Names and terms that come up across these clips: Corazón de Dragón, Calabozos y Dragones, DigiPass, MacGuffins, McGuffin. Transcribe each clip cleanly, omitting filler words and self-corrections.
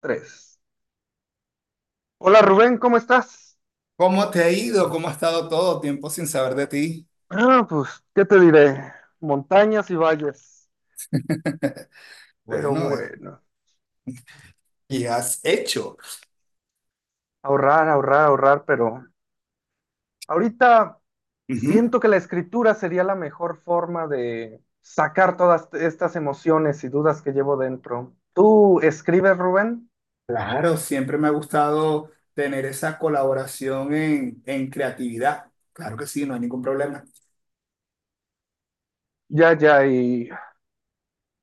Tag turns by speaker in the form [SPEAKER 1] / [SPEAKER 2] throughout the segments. [SPEAKER 1] Tres. Hola Rubén, ¿cómo estás?
[SPEAKER 2] ¿Cómo te ha ido? ¿Cómo ha estado todo tiempo sin saber de ti?
[SPEAKER 1] Ah, pues, ¿qué te diré? Montañas y valles. Pero
[SPEAKER 2] Bueno,
[SPEAKER 1] bueno,
[SPEAKER 2] ¿qué has hecho?
[SPEAKER 1] ahorrar, ahorrar, ahorrar, pero ahorita
[SPEAKER 2] Ujú.
[SPEAKER 1] siento que la escritura sería la mejor forma de sacar todas estas emociones y dudas que llevo dentro. ¿Tú escribes, Rubén?
[SPEAKER 2] Claro, siempre me ha gustado tener esa colaboración en creatividad. Claro que sí, no hay ningún problema.
[SPEAKER 1] Ya, ya, y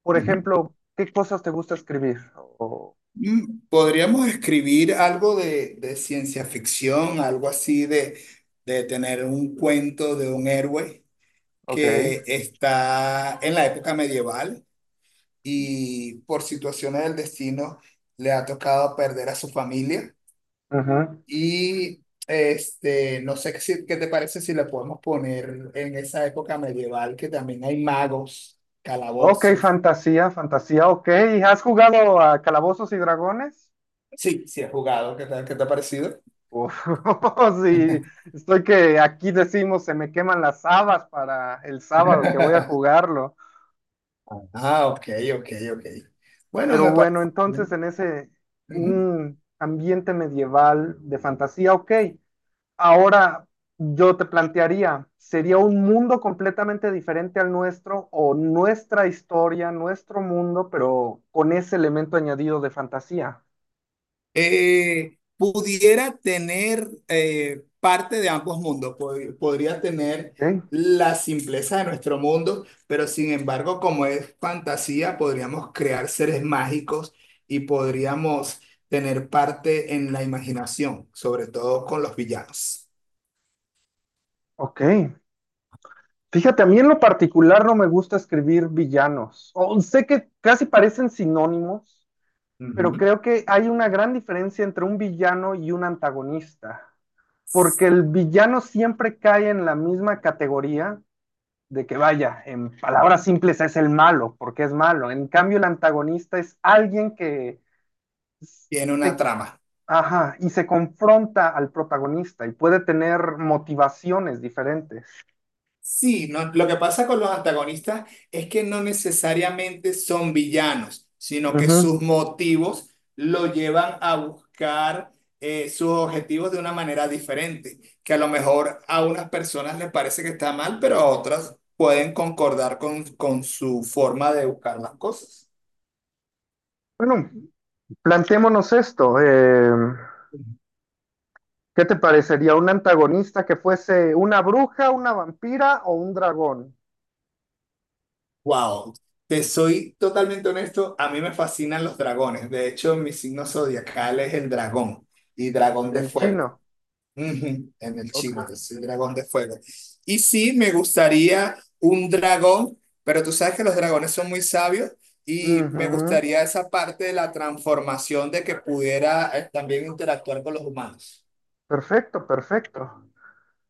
[SPEAKER 1] por
[SPEAKER 2] Ujú.
[SPEAKER 1] ejemplo, ¿qué cosas te gusta escribir?
[SPEAKER 2] Podríamos escribir algo de ciencia ficción, algo así de tener un cuento de un héroe
[SPEAKER 1] Ok,
[SPEAKER 2] que está en la época medieval, y por situaciones del destino le ha tocado perder a su familia.
[SPEAKER 1] ujú.
[SPEAKER 2] Y este, no sé si- ¿qué te parece si le podemos poner en esa época medieval que también hay magos,
[SPEAKER 1] Ok,
[SPEAKER 2] calabozos?
[SPEAKER 1] fantasía, fantasía, ok. ¿Has jugado a Calabozos y Dragones?
[SPEAKER 2] Sí, sí he jugado. ¿Qué tal? ¿Qué te ha parecido?
[SPEAKER 1] Uf, sí, estoy que aquí decimos se me queman las habas para el sábado que voy a jugarlo.
[SPEAKER 2] Ah, ok, ok, ok. Bueno,
[SPEAKER 1] Pero
[SPEAKER 2] me
[SPEAKER 1] bueno,
[SPEAKER 2] parece bien.
[SPEAKER 1] entonces en ese
[SPEAKER 2] Ujú.
[SPEAKER 1] un ambiente medieval de fantasía, ok. Ahora yo te plantearía, ¿sería un mundo completamente diferente al nuestro o nuestra historia, nuestro mundo, pero con ese elemento añadido de fantasía?
[SPEAKER 2] Pudiera tener parte de ambos mundos, podría tener
[SPEAKER 1] Ok,
[SPEAKER 2] la simpleza de nuestro mundo, pero sin embargo, como es fantasía, podríamos crear seres mágicos y podríamos tener parte en la imaginación, sobre todo con los villanos.
[SPEAKER 1] ok. Fíjate, a mí en lo particular no me gusta escribir villanos. Sé que casi parecen sinónimos, pero
[SPEAKER 2] Ujú.
[SPEAKER 1] creo que hay una gran diferencia entre un villano y un antagonista, porque el villano siempre cae en la misma categoría de que vaya, en palabras simples es el malo, porque es malo. En cambio, el antagonista es alguien que
[SPEAKER 2] Tiene una
[SPEAKER 1] se-
[SPEAKER 2] trama.
[SPEAKER 1] ajá, y se confronta al protagonista y puede tener motivaciones diferentes.
[SPEAKER 2] Sí, no, lo que pasa con los antagonistas es que no necesariamente son villanos, sino que
[SPEAKER 1] Ujú.
[SPEAKER 2] sus motivos lo llevan a buscar sus objetivos de una manera diferente, que a lo mejor a unas personas les parece que está mal, pero a otras pueden concordar con su forma de buscar las cosas.
[SPEAKER 1] Bueno, plantémonos esto. ¿Qué te parecería un antagonista que fuese una bruja, una vampira o un dragón?
[SPEAKER 2] Wow, te soy totalmente honesto, a mí me fascinan los dragones. De hecho, mi signo zodiacal es el dragón, y dragón de
[SPEAKER 1] El
[SPEAKER 2] fuego.
[SPEAKER 1] chino.
[SPEAKER 2] Ujú. En el
[SPEAKER 1] Ok.
[SPEAKER 2] chino, que es el dragón de fuego. Y sí, me gustaría un dragón, pero tú sabes que los dragones son muy sabios y me
[SPEAKER 1] Ujú.
[SPEAKER 2] gustaría esa parte de la transformación de que pudiera, también interactuar con los humanos.
[SPEAKER 1] Perfecto, perfecto.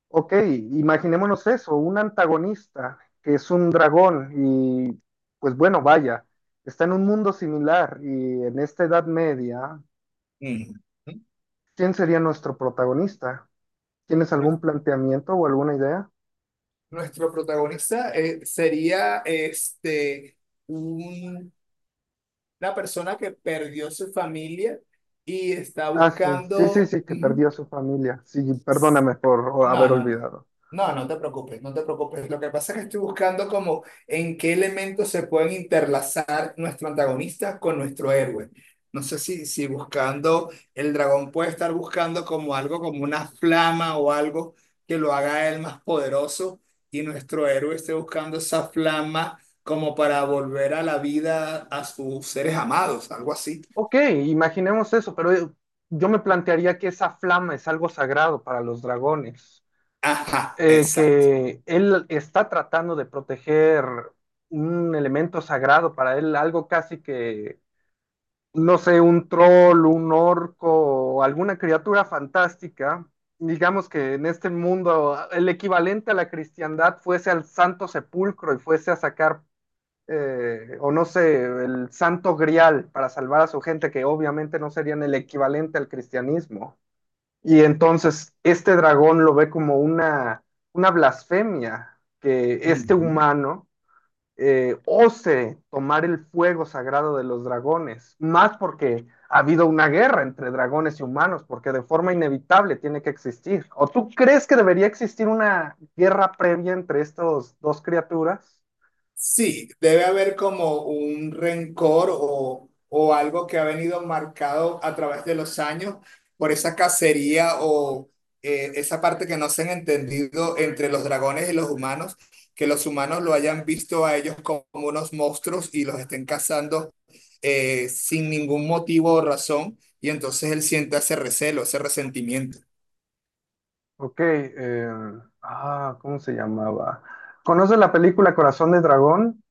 [SPEAKER 1] Ok, imaginémonos eso, un antagonista que es un dragón y pues bueno, vaya, está en un mundo similar y en esta Edad Media,
[SPEAKER 2] Ujú.
[SPEAKER 1] ¿quién sería nuestro protagonista? ¿Tienes
[SPEAKER 2] Nues-
[SPEAKER 1] algún planteamiento o alguna idea?
[SPEAKER 2] Nuestro protagonista sería este, un- una persona que perdió su familia y está
[SPEAKER 1] Ah, sí, sí, sí,
[SPEAKER 2] buscando.
[SPEAKER 1] sí, que perdió a su familia. Sí, perdóname por
[SPEAKER 2] No,
[SPEAKER 1] haber
[SPEAKER 2] no, no.
[SPEAKER 1] olvidado.
[SPEAKER 2] No, no te preocupes, no te preocupes. Lo que pasa es que estoy buscando como en qué elementos se pueden interlazar nuestro antagonista con nuestro héroe. No sé si buscando, el dragón puede estar buscando como algo, como una flama o algo que lo haga él más poderoso, y nuestro héroe esté buscando esa flama como para volver a la vida a sus seres amados, algo así.
[SPEAKER 1] Ok, imaginemos eso, pero yo me plantearía que esa flama es algo sagrado para los dragones,
[SPEAKER 2] Ajá, exacto.
[SPEAKER 1] que él está tratando de proteger un elemento sagrado para él, algo casi que, no sé, un troll, un orco, o alguna criatura fantástica. Digamos que en este mundo el equivalente a la cristiandad fuese al santo sepulcro y fuese a sacar o no sé, el santo grial para salvar a su gente, que obviamente no serían el equivalente al cristianismo. Y entonces este dragón lo ve como una blasfemia que este humano ose tomar el fuego sagrado de los dragones, más porque ha habido una guerra entre dragones y humanos, porque de forma inevitable tiene que existir. ¿O tú crees que debería existir una guerra previa entre estas dos criaturas?
[SPEAKER 2] Sí, debe haber como un rencor o algo que ha venido marcado a través de los años por esa cacería o esa parte que no se han entendido entre los dragones y los humanos, que los humanos lo hayan visto a ellos como unos monstruos y los estén cazando sin ningún motivo o razón, y entonces él siente ese recelo, ese resentimiento.
[SPEAKER 1] Ok, ¿cómo se llamaba? ¿Conoces la película Corazón de Dragón?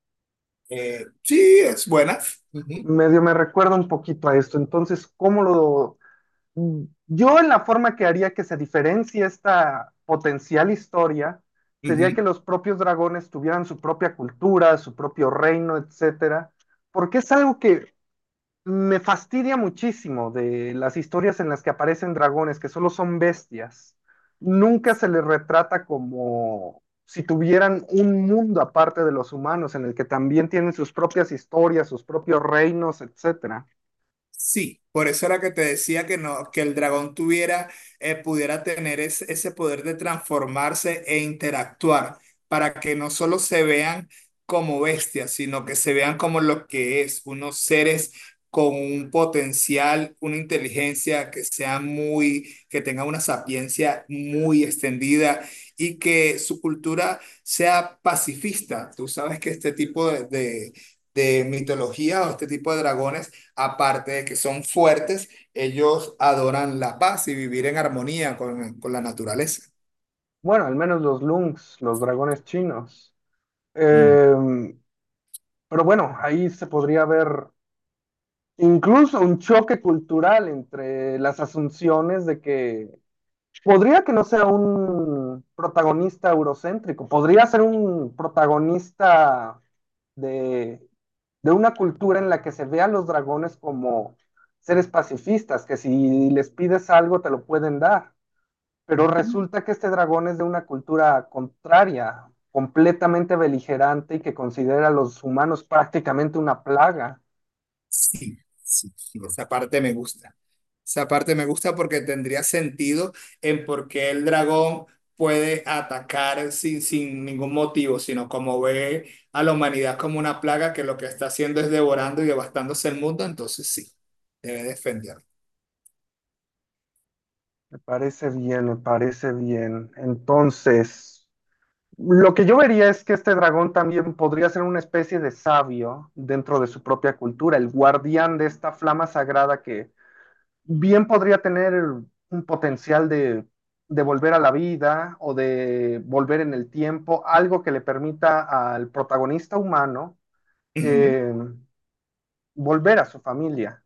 [SPEAKER 2] Sí, es buena. Ujú,
[SPEAKER 1] Medio me recuerda un poquito a esto. Entonces, ¿cómo lo... yo en la forma que haría que se diferencie esta potencial historia sería que
[SPEAKER 2] ujú.
[SPEAKER 1] los propios dragones tuvieran su propia cultura, su propio reino, etcétera, porque es algo que me fastidia muchísimo de las historias en las que aparecen dragones, que solo son bestias. Nunca se les retrata como si tuvieran un mundo aparte de los humanos, en el que también tienen sus propias historias, sus propios reinos, etcétera.
[SPEAKER 2] Sí, por eso era que te decía que no, que el dragón tuviera, pudiera tener ese poder de transformarse e interactuar, para que no solo se vean como bestias, sino que se vean como lo que es, unos seres con un potencial, una inteligencia que sea muy, que tenga una sapiencia muy extendida, y que su cultura sea pacifista. Tú sabes que este tipo de mitología o este tipo de dragones, aparte de que son fuertes, ellos adoran la paz y vivir en armonía con la naturaleza.
[SPEAKER 1] Bueno, al menos los Lungs, los dragones chinos.
[SPEAKER 2] Mm.
[SPEAKER 1] Eh, pero bueno, ahí se podría ver incluso un choque cultural entre las asunciones de que podría que no sea un protagonista eurocéntrico, podría ser un protagonista de, de una cultura en la que se vean los dragones como seres pacifistas, que si les pides algo te lo pueden dar. Pero resulta que este dragón es de una cultura contraria, completamente beligerante y que considera a los humanos prácticamente una plaga.
[SPEAKER 2] Sí, sí, sí, esa parte me gusta. Esa parte me gusta porque tendría sentido en por qué el dragón puede atacar sin ningún motivo, sino como ve a la humanidad como una plaga que lo que está haciendo es devorando y devastándose el mundo, entonces sí, debe defenderlo.
[SPEAKER 1] Me parece bien, me parece bien. Entonces, lo que yo vería es que este dragón también podría ser una especie de sabio dentro de su propia cultura, el guardián de esta flama sagrada que bien podría tener un potencial de volver a la vida o de volver en el tiempo, algo que le permita al protagonista humano eh, volver a su familia.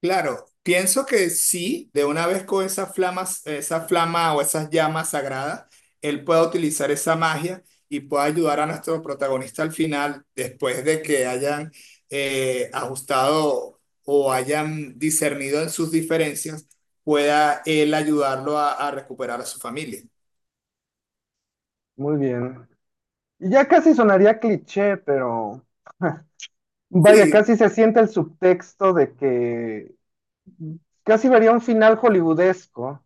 [SPEAKER 2] Claro, pienso que sí, de una vez con esas flamas, esa flama o esas llamas sagradas, él pueda utilizar esa magia y pueda ayudar a nuestro protagonista al final, después de que hayan ajustado o hayan discernido en sus diferencias, pueda él ayudarlo a recuperar a su familia.
[SPEAKER 1] Muy bien. Y ya casi sonaría cliché, pero vaya,
[SPEAKER 2] Sí,
[SPEAKER 1] casi se siente el subtexto de que casi vería un final hollywoodesco.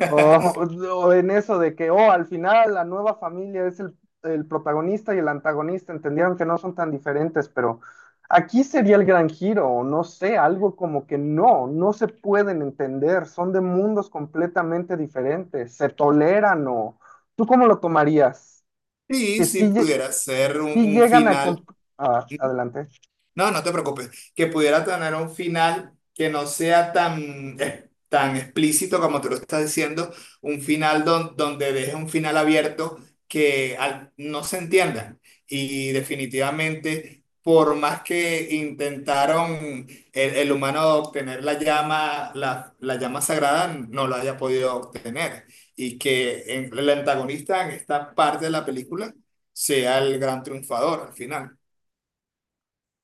[SPEAKER 1] O, o en eso de que, oh, al final la nueva familia es el protagonista y el antagonista, entendieron que no son tan diferentes, pero aquí sería el gran giro, o no sé, algo como que no, no se pueden entender, son de mundos completamente diferentes, se toleran o... ¿Tú cómo lo tomarías?
[SPEAKER 2] sí,
[SPEAKER 1] Que
[SPEAKER 2] sí
[SPEAKER 1] sí,
[SPEAKER 2] pudiera ser un,
[SPEAKER 1] sí
[SPEAKER 2] un
[SPEAKER 1] llegan a...
[SPEAKER 2] final.
[SPEAKER 1] ah, adelante.
[SPEAKER 2] No, no te preocupes. Que pudiera tener un final que no sea tan, tan explícito como tú lo estás diciendo, un final donde deje un final abierto que no se entienda. Y definitivamente, por más que intentaron el humano obtener la llama, la llama sagrada, no lo haya podido obtener. Y que el antagonista en esta parte de la película sea el gran triunfador al final.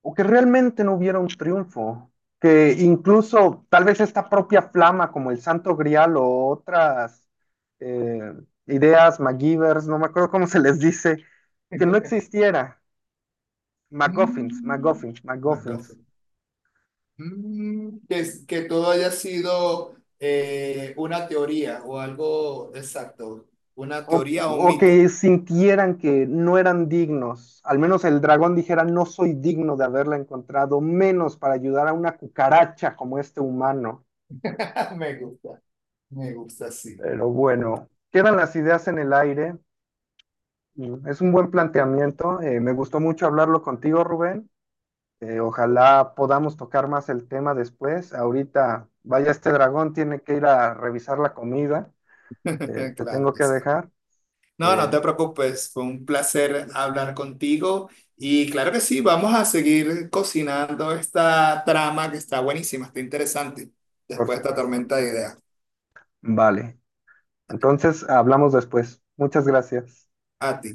[SPEAKER 1] O que realmente no hubiera un triunfo, que incluso tal vez esta propia flama como el Santo Grial o otras eh, ideas MacGyvers, no me acuerdo cómo se les dice, que no existiera, MacGuffins,
[SPEAKER 2] Mm,
[SPEAKER 1] MacGuffins, MacGuffins.
[SPEAKER 2] McGuffin. Mm, que todo haya sido una teoría o algo exacto, una
[SPEAKER 1] O,
[SPEAKER 2] teoría o un
[SPEAKER 1] o
[SPEAKER 2] mito.
[SPEAKER 1] que sintieran que no eran dignos, al menos el dragón dijera no soy digno de haberla encontrado, menos para ayudar a una cucaracha como este humano,
[SPEAKER 2] Me gusta, me gusta, sí.
[SPEAKER 1] pero bueno. Quedan las ideas en el aire. Es un buen planteamiento. Me gustó mucho hablarlo contigo, Rubén. Ojalá podamos tocar más el tema después. Ahorita, vaya, este dragón tiene que ir a revisar la comida. Te
[SPEAKER 2] Claro
[SPEAKER 1] tengo
[SPEAKER 2] que
[SPEAKER 1] que
[SPEAKER 2] sí.
[SPEAKER 1] dejar,
[SPEAKER 2] No, no
[SPEAKER 1] eh,
[SPEAKER 2] te preocupes, fue un placer hablar contigo, y claro que sí, vamos a seguir cocinando esta trama que está buenísima, está interesante,
[SPEAKER 1] por
[SPEAKER 2] después de esta
[SPEAKER 1] supuesto.
[SPEAKER 2] tormenta de ideas.
[SPEAKER 1] Vale. Entonces, hablamos después. Muchas gracias.
[SPEAKER 2] A ti.